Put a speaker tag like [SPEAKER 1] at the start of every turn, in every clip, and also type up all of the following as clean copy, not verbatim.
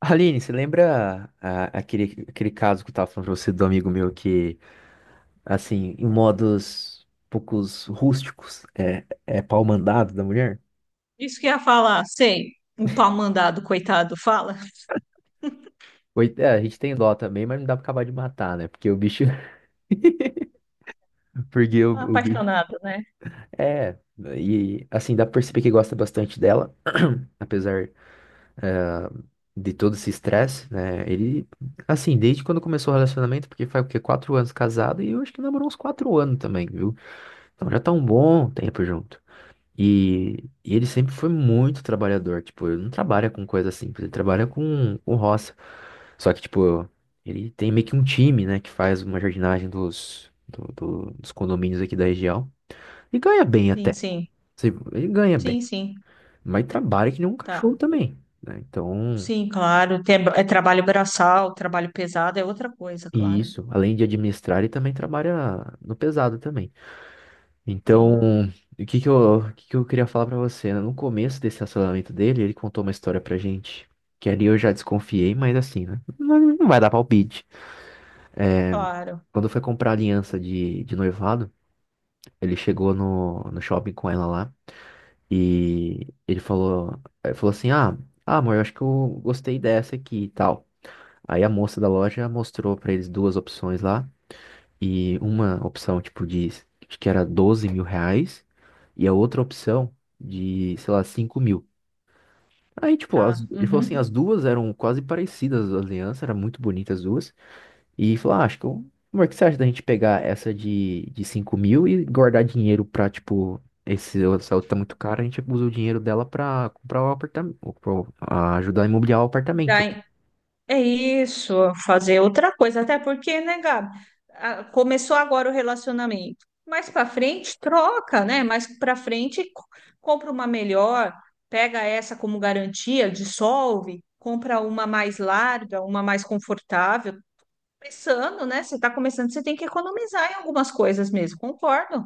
[SPEAKER 1] Aline, você lembra aquele caso que eu tava falando pra você do amigo meu que, assim, em modos poucos rústicos, é pau mandado da mulher?
[SPEAKER 2] Isso que ia falar, sei. O pau mandado, coitado, fala.
[SPEAKER 1] Oi, é, a gente tem dó também, mas não dá pra acabar de matar, né? Porque o bicho. Porque o,
[SPEAKER 2] Tá
[SPEAKER 1] o bicho.
[SPEAKER 2] apaixonado, né?
[SPEAKER 1] É, e assim, dá pra perceber que gosta bastante dela, apesar de todo esse estresse, né? Ele, assim, desde quando começou o relacionamento, porque faz o quê? Quatro anos casado e eu acho que namorou uns quatro anos também, viu? Então já tá um bom tempo junto. E, e ele sempre foi muito trabalhador, tipo, ele não trabalha com coisa simples, ele trabalha com roça. Só que, tipo, ele tem meio que um time, né, que faz uma jardinagem dos condomínios aqui da região. E ganha bem
[SPEAKER 2] Sim,
[SPEAKER 1] até.
[SPEAKER 2] sim.
[SPEAKER 1] Assim, ele ganha bem,
[SPEAKER 2] Sim, sim.
[SPEAKER 1] mas trabalha que nem um cachorro
[SPEAKER 2] Tá.
[SPEAKER 1] também, né? Então,
[SPEAKER 2] Sim, claro. Tem, é trabalho braçal, trabalho pesado, é outra coisa,
[SPEAKER 1] e
[SPEAKER 2] claro.
[SPEAKER 1] isso, além de administrar, ele também trabalha no pesado também.
[SPEAKER 2] Sim,
[SPEAKER 1] Então, o que que eu queria falar pra você, né? No começo desse relacionamento dele, ele contou uma história pra gente, que ali eu já desconfiei, mas assim, né? Não, não vai dar palpite.
[SPEAKER 2] claro.
[SPEAKER 1] Quando foi comprar a aliança de noivado, ele chegou no shopping com ela lá e ele falou, assim, amor, eu acho que eu gostei dessa aqui e tal. Aí a moça da loja mostrou pra eles duas opções lá e uma opção, tipo, de, acho que era R$ 12.000 e a outra opção de, sei lá, 5.000. Aí, tipo,
[SPEAKER 2] Tá.
[SPEAKER 1] ele falou assim,
[SPEAKER 2] Uhum.
[SPEAKER 1] as duas eram quase parecidas, a aliança era muito bonita as duas. E falou, ah, amor, o que você acha da gente pegar essa de 5.000 e guardar dinheiro pra, tipo, essa outra tá muito cara, a gente usa o dinheiro dela pra comprar o apartamento, ajudar a imobiliar o
[SPEAKER 2] Dá,
[SPEAKER 1] apartamento.
[SPEAKER 2] é isso, fazer outra coisa, até porque, né, Gabi, começou agora o relacionamento. Mais para frente, troca, né? Mais para frente, compra uma melhor, pega essa como garantia, dissolve, compra uma mais larga, uma mais confortável. Começando, né? Você está começando, você tem que economizar em algumas coisas mesmo, concordo.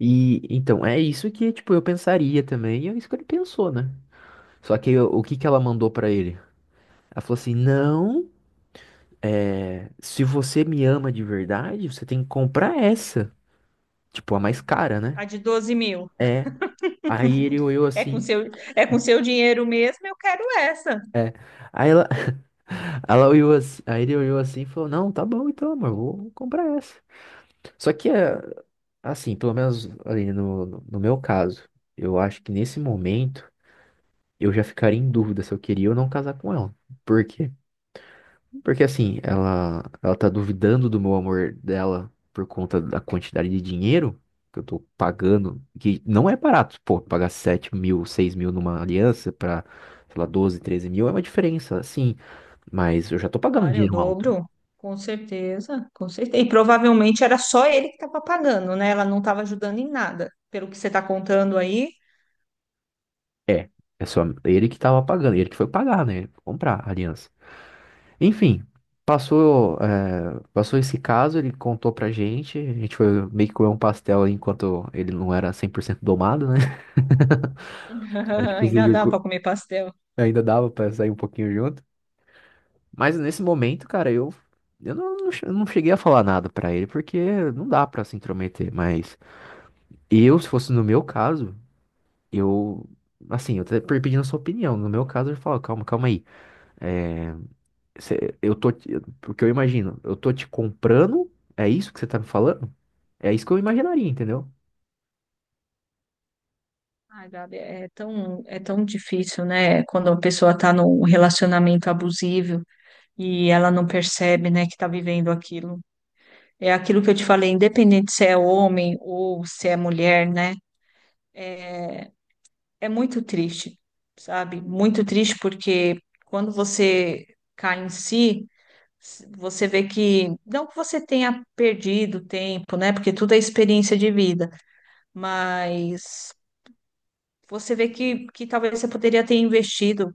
[SPEAKER 1] E, então, é isso que, tipo, eu pensaria também, e é isso que ele pensou, né? Só que o que que ela mandou pra ele? Ela falou assim, não... É, se você me ama de verdade, você tem que comprar essa. Tipo, a mais cara, né?
[SPEAKER 2] A de 12 mil
[SPEAKER 1] É. Aí ele olhou
[SPEAKER 2] é com
[SPEAKER 1] assim.
[SPEAKER 2] seu, é com seu dinheiro mesmo, eu quero essa.
[SPEAKER 1] É. Aí ela, ela olhou assim, aí ele olhou assim e falou: não, tá bom então, amor, vou comprar essa. Só que, é, assim, pelo menos ali no meu caso, eu acho que nesse momento eu já ficaria em dúvida se eu queria ou não casar com ela. porque Porque assim, ela tá duvidando do meu amor dela por conta da quantidade de dinheiro que eu tô pagando, que não é barato, pô, pagar 7.000, 6.000 numa aliança pra, sei lá, 12, 13 mil é uma diferença, assim mas eu já tô pagando um
[SPEAKER 2] Claro, é o
[SPEAKER 1] dinheiro alto.
[SPEAKER 2] dobro, com certeza, com certeza. E provavelmente era só ele que estava pagando, né? Ela não estava ajudando em nada, pelo que você está contando aí.
[SPEAKER 1] É, é só ele que tava pagando, ele que foi pagar, né, comprar a aliança. Enfim, passou, é, passou esse caso, ele contou pra gente, a gente foi meio que comer um pastel aí enquanto ele não era 100% domado, né? A gente
[SPEAKER 2] Ainda
[SPEAKER 1] conseguiu.
[SPEAKER 2] dá para comer pastel.
[SPEAKER 1] Ainda dava pra sair um pouquinho junto. Mas nesse momento, cara, eu, eu não cheguei a falar nada pra ele, porque não dá pra se intrometer. Mas eu, se fosse no meu caso, eu. Assim, eu pedindo a sua opinião. No meu caso, eu falo, calma, calma aí. É, cê- eu tô. te- porque eu imagino, eu tô te comprando, é isso que você tá me falando? É isso que eu imaginaria, entendeu?
[SPEAKER 2] Ai, Gabi, é tão difícil, né? Quando a pessoa está num relacionamento abusivo e ela não percebe, né, que está vivendo aquilo. É aquilo que eu te falei, independente se é homem ou se é mulher, né? É, é muito triste, sabe? Muito triste porque quando você cai em si, você vê que, não que você tenha perdido tempo, né? Porque tudo é experiência de vida, mas você vê que talvez você poderia ter investido,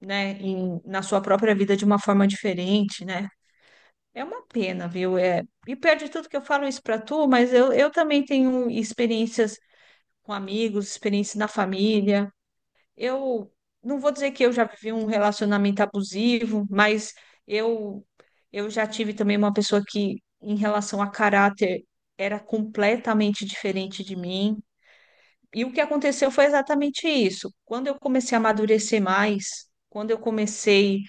[SPEAKER 2] né, em, na sua própria vida de uma forma diferente, né? É uma pena, viu? É, e pior de tudo que eu falo isso para tu, mas eu também tenho experiências com amigos, experiências na família. Eu não vou dizer que eu já vivi um relacionamento abusivo, mas eu, eu já tive também uma pessoa que, em relação a caráter, era completamente diferente de mim. E o que aconteceu foi exatamente isso. Quando eu comecei a amadurecer mais, quando eu comecei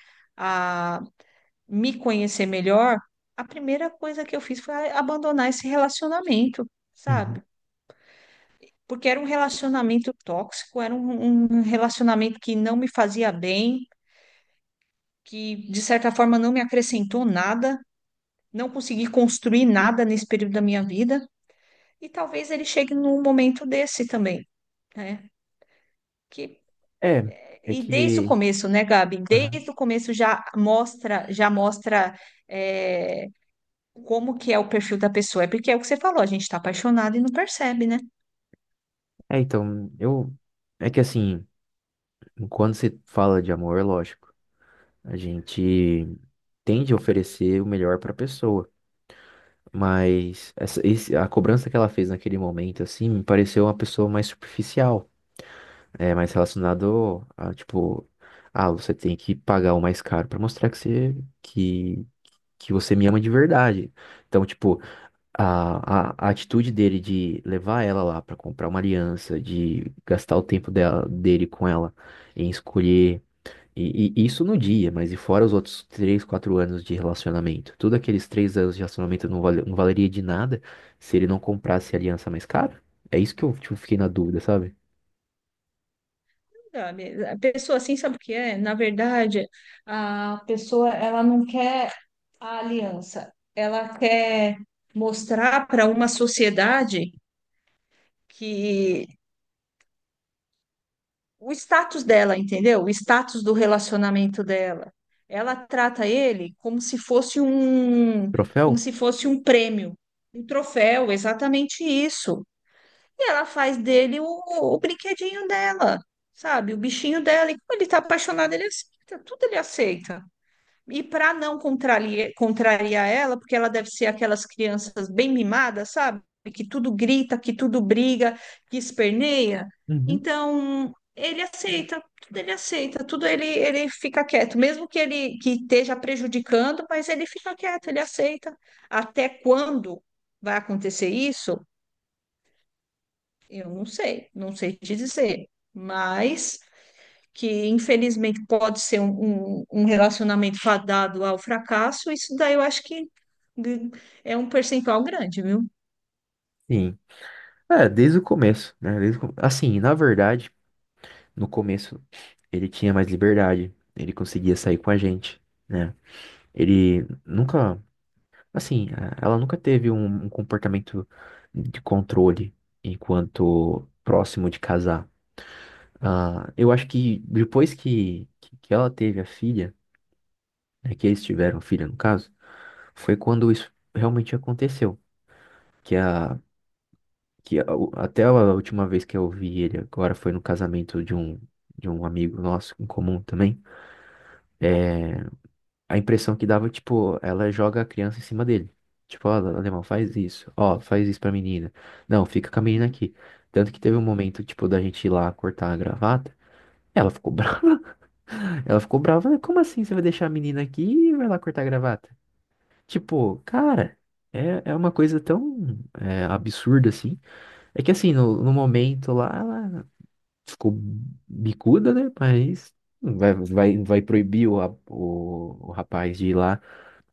[SPEAKER 2] me conhecer melhor, a primeira coisa que eu fiz foi abandonar esse relacionamento,
[SPEAKER 1] Uhum.
[SPEAKER 2] sabe? Porque era um relacionamento tóxico, era um relacionamento que não me fazia bem, que de certa forma não me acrescentou nada, não consegui construir nada nesse período da minha vida, e talvez ele chegue num momento desse também, né? Que,
[SPEAKER 1] É, é
[SPEAKER 2] e desde o
[SPEAKER 1] que.
[SPEAKER 2] começo, né, Gabi?
[SPEAKER 1] Aham.
[SPEAKER 2] Desde o começo já mostra eh, como que é o perfil da pessoa. É porque é o que você falou, a gente está apaixonado e não percebe, né?
[SPEAKER 1] É, então, eu. É que assim, quando se fala de amor, é lógico, a gente. Tende a oferecer o melhor para a pessoa. Mas a cobrança que ela fez naquele momento, assim, me pareceu uma pessoa mais superficial, é, mais relacionado a, tipo, ah, você tem que pagar o mais caro para mostrar que você, que, que você me ama de verdade. Então, tipo, a atitude dele de levar ela lá para comprar uma aliança, de gastar o tempo dela, dele com ela em escolher e isso no dia, mas e fora os outros três, quatro anos de relacionamento? Tudo aqueles três anos de relacionamento não, não valeria de nada se ele não comprasse a aliança mais cara? É isso que eu tipo, fiquei na dúvida, sabe?
[SPEAKER 2] Sabe, a pessoa assim, sabe o que é? Na verdade, a pessoa, ela não quer a aliança, ela quer mostrar para uma sociedade que o status dela, entendeu? O status do relacionamento dela. Ela trata ele como se fosse como
[SPEAKER 1] Troféu?
[SPEAKER 2] se fosse um prêmio, um troféu, exatamente isso. E ela faz dele o brinquedinho dela, sabe? O bichinho dela. E como ele tá apaixonado, ele aceita, tudo ele aceita. E para não contrariar, contrariar ela, porque ela deve ser aquelas crianças bem mimadas, sabe? Que tudo grita, que tudo briga, que esperneia.
[SPEAKER 1] Uhum.
[SPEAKER 2] Então, ele aceita, tudo ele aceita, tudo ele, ele fica quieto, mesmo que ele que esteja prejudicando, mas ele fica quieto, ele aceita. Até quando vai acontecer isso? Eu não sei, não sei te dizer, mas que infelizmente pode ser um relacionamento fadado ao fracasso, isso daí eu acho que g- é um percentual grande, viu?
[SPEAKER 1] Sim. É, desde o começo, né? Assim, na verdade, no começo ele tinha mais liberdade, ele conseguia sair com a gente, né? Ele nunca, assim, ela nunca teve um comportamento de controle enquanto próximo de casar. Ah, eu acho que depois que ela teve a filha, né, que eles tiveram filha no caso, foi quando isso realmente aconteceu. Que a, Até a última vez que eu vi ele agora foi no casamento de um amigo nosso em comum também. É, a impressão que dava, tipo, ela joga a criança em cima dele. Tipo, ó, alemão, faz isso. Ó, faz isso pra menina. Não, fica com a menina aqui. Tanto que teve um momento, tipo, da gente ir lá cortar a gravata. Ela ficou brava. Ela ficou brava, falei, como assim você vai deixar a menina aqui e vai lá cortar a gravata? Tipo, cara, é, é uma coisa tão é, absurda assim. É que assim, no momento lá, ela ficou bicuda, né? Mas não vai proibir o, o rapaz de ir lá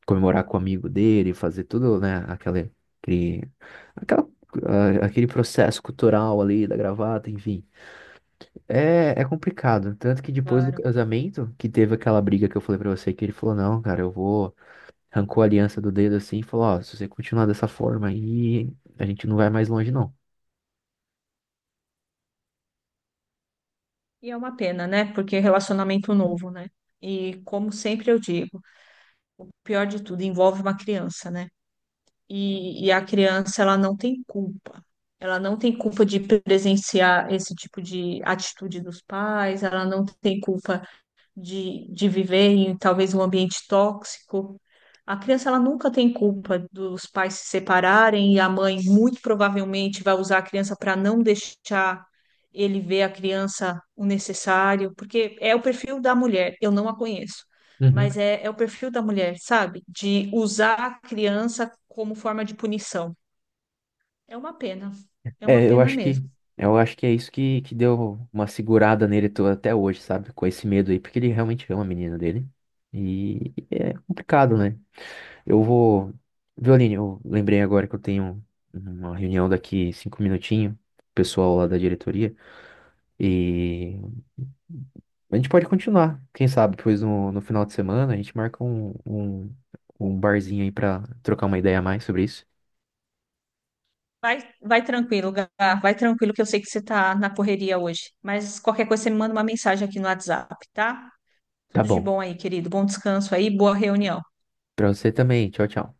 [SPEAKER 1] comemorar com o amigo dele, fazer tudo, né? Aquela, aquele, aquela, ah, aquele processo cultural ali da gravata, enfim. É, é complicado. Tanto que depois do
[SPEAKER 2] Claro.
[SPEAKER 1] casamento, que teve aquela briga que eu falei pra você, que ele falou, não, cara, eu vou. Arrancou a aliança do dedo assim e falou, ó, se você continuar dessa forma aí, a gente não vai mais longe, não.
[SPEAKER 2] E é uma pena, né? Porque é relacionamento novo, né? E como sempre eu digo, o pior de tudo envolve uma criança, né? E a criança, ela não tem culpa. Ela não tem culpa de presenciar esse tipo de atitude dos pais, ela não tem culpa de viver em talvez um ambiente tóxico. A criança ela nunca tem culpa dos pais se separarem e a mãe muito provavelmente vai usar a criança para não deixar ele ver a criança o necessário, porque é o perfil da mulher, eu não a conheço,
[SPEAKER 1] Uhum.
[SPEAKER 2] mas é, é o perfil da mulher, sabe? De usar a criança como forma de punição. É uma pena, é uma
[SPEAKER 1] É, eu
[SPEAKER 2] pena
[SPEAKER 1] acho que.
[SPEAKER 2] mesmo.
[SPEAKER 1] Eu acho que é isso que deu uma segurada nele até hoje, sabe? Com esse medo aí, porque ele realmente ama a menina dele. E é complicado, né? Eu vou. Violine, eu lembrei agora que eu tenho uma reunião daqui cinco minutinhos, pessoal lá da diretoria. E a gente pode continuar. Quem sabe depois no final de semana a gente marca um barzinho aí pra trocar uma ideia a mais sobre isso.
[SPEAKER 2] Vai, vai tranquilo, Gá. Vai tranquilo que eu sei que você tá na correria hoje. Mas qualquer coisa você me manda uma mensagem aqui no WhatsApp, tá?
[SPEAKER 1] Tá
[SPEAKER 2] Tudo de
[SPEAKER 1] bom.
[SPEAKER 2] bom aí, querido. Bom descanso aí, boa reunião.
[SPEAKER 1] Pra você também. Tchau, tchau.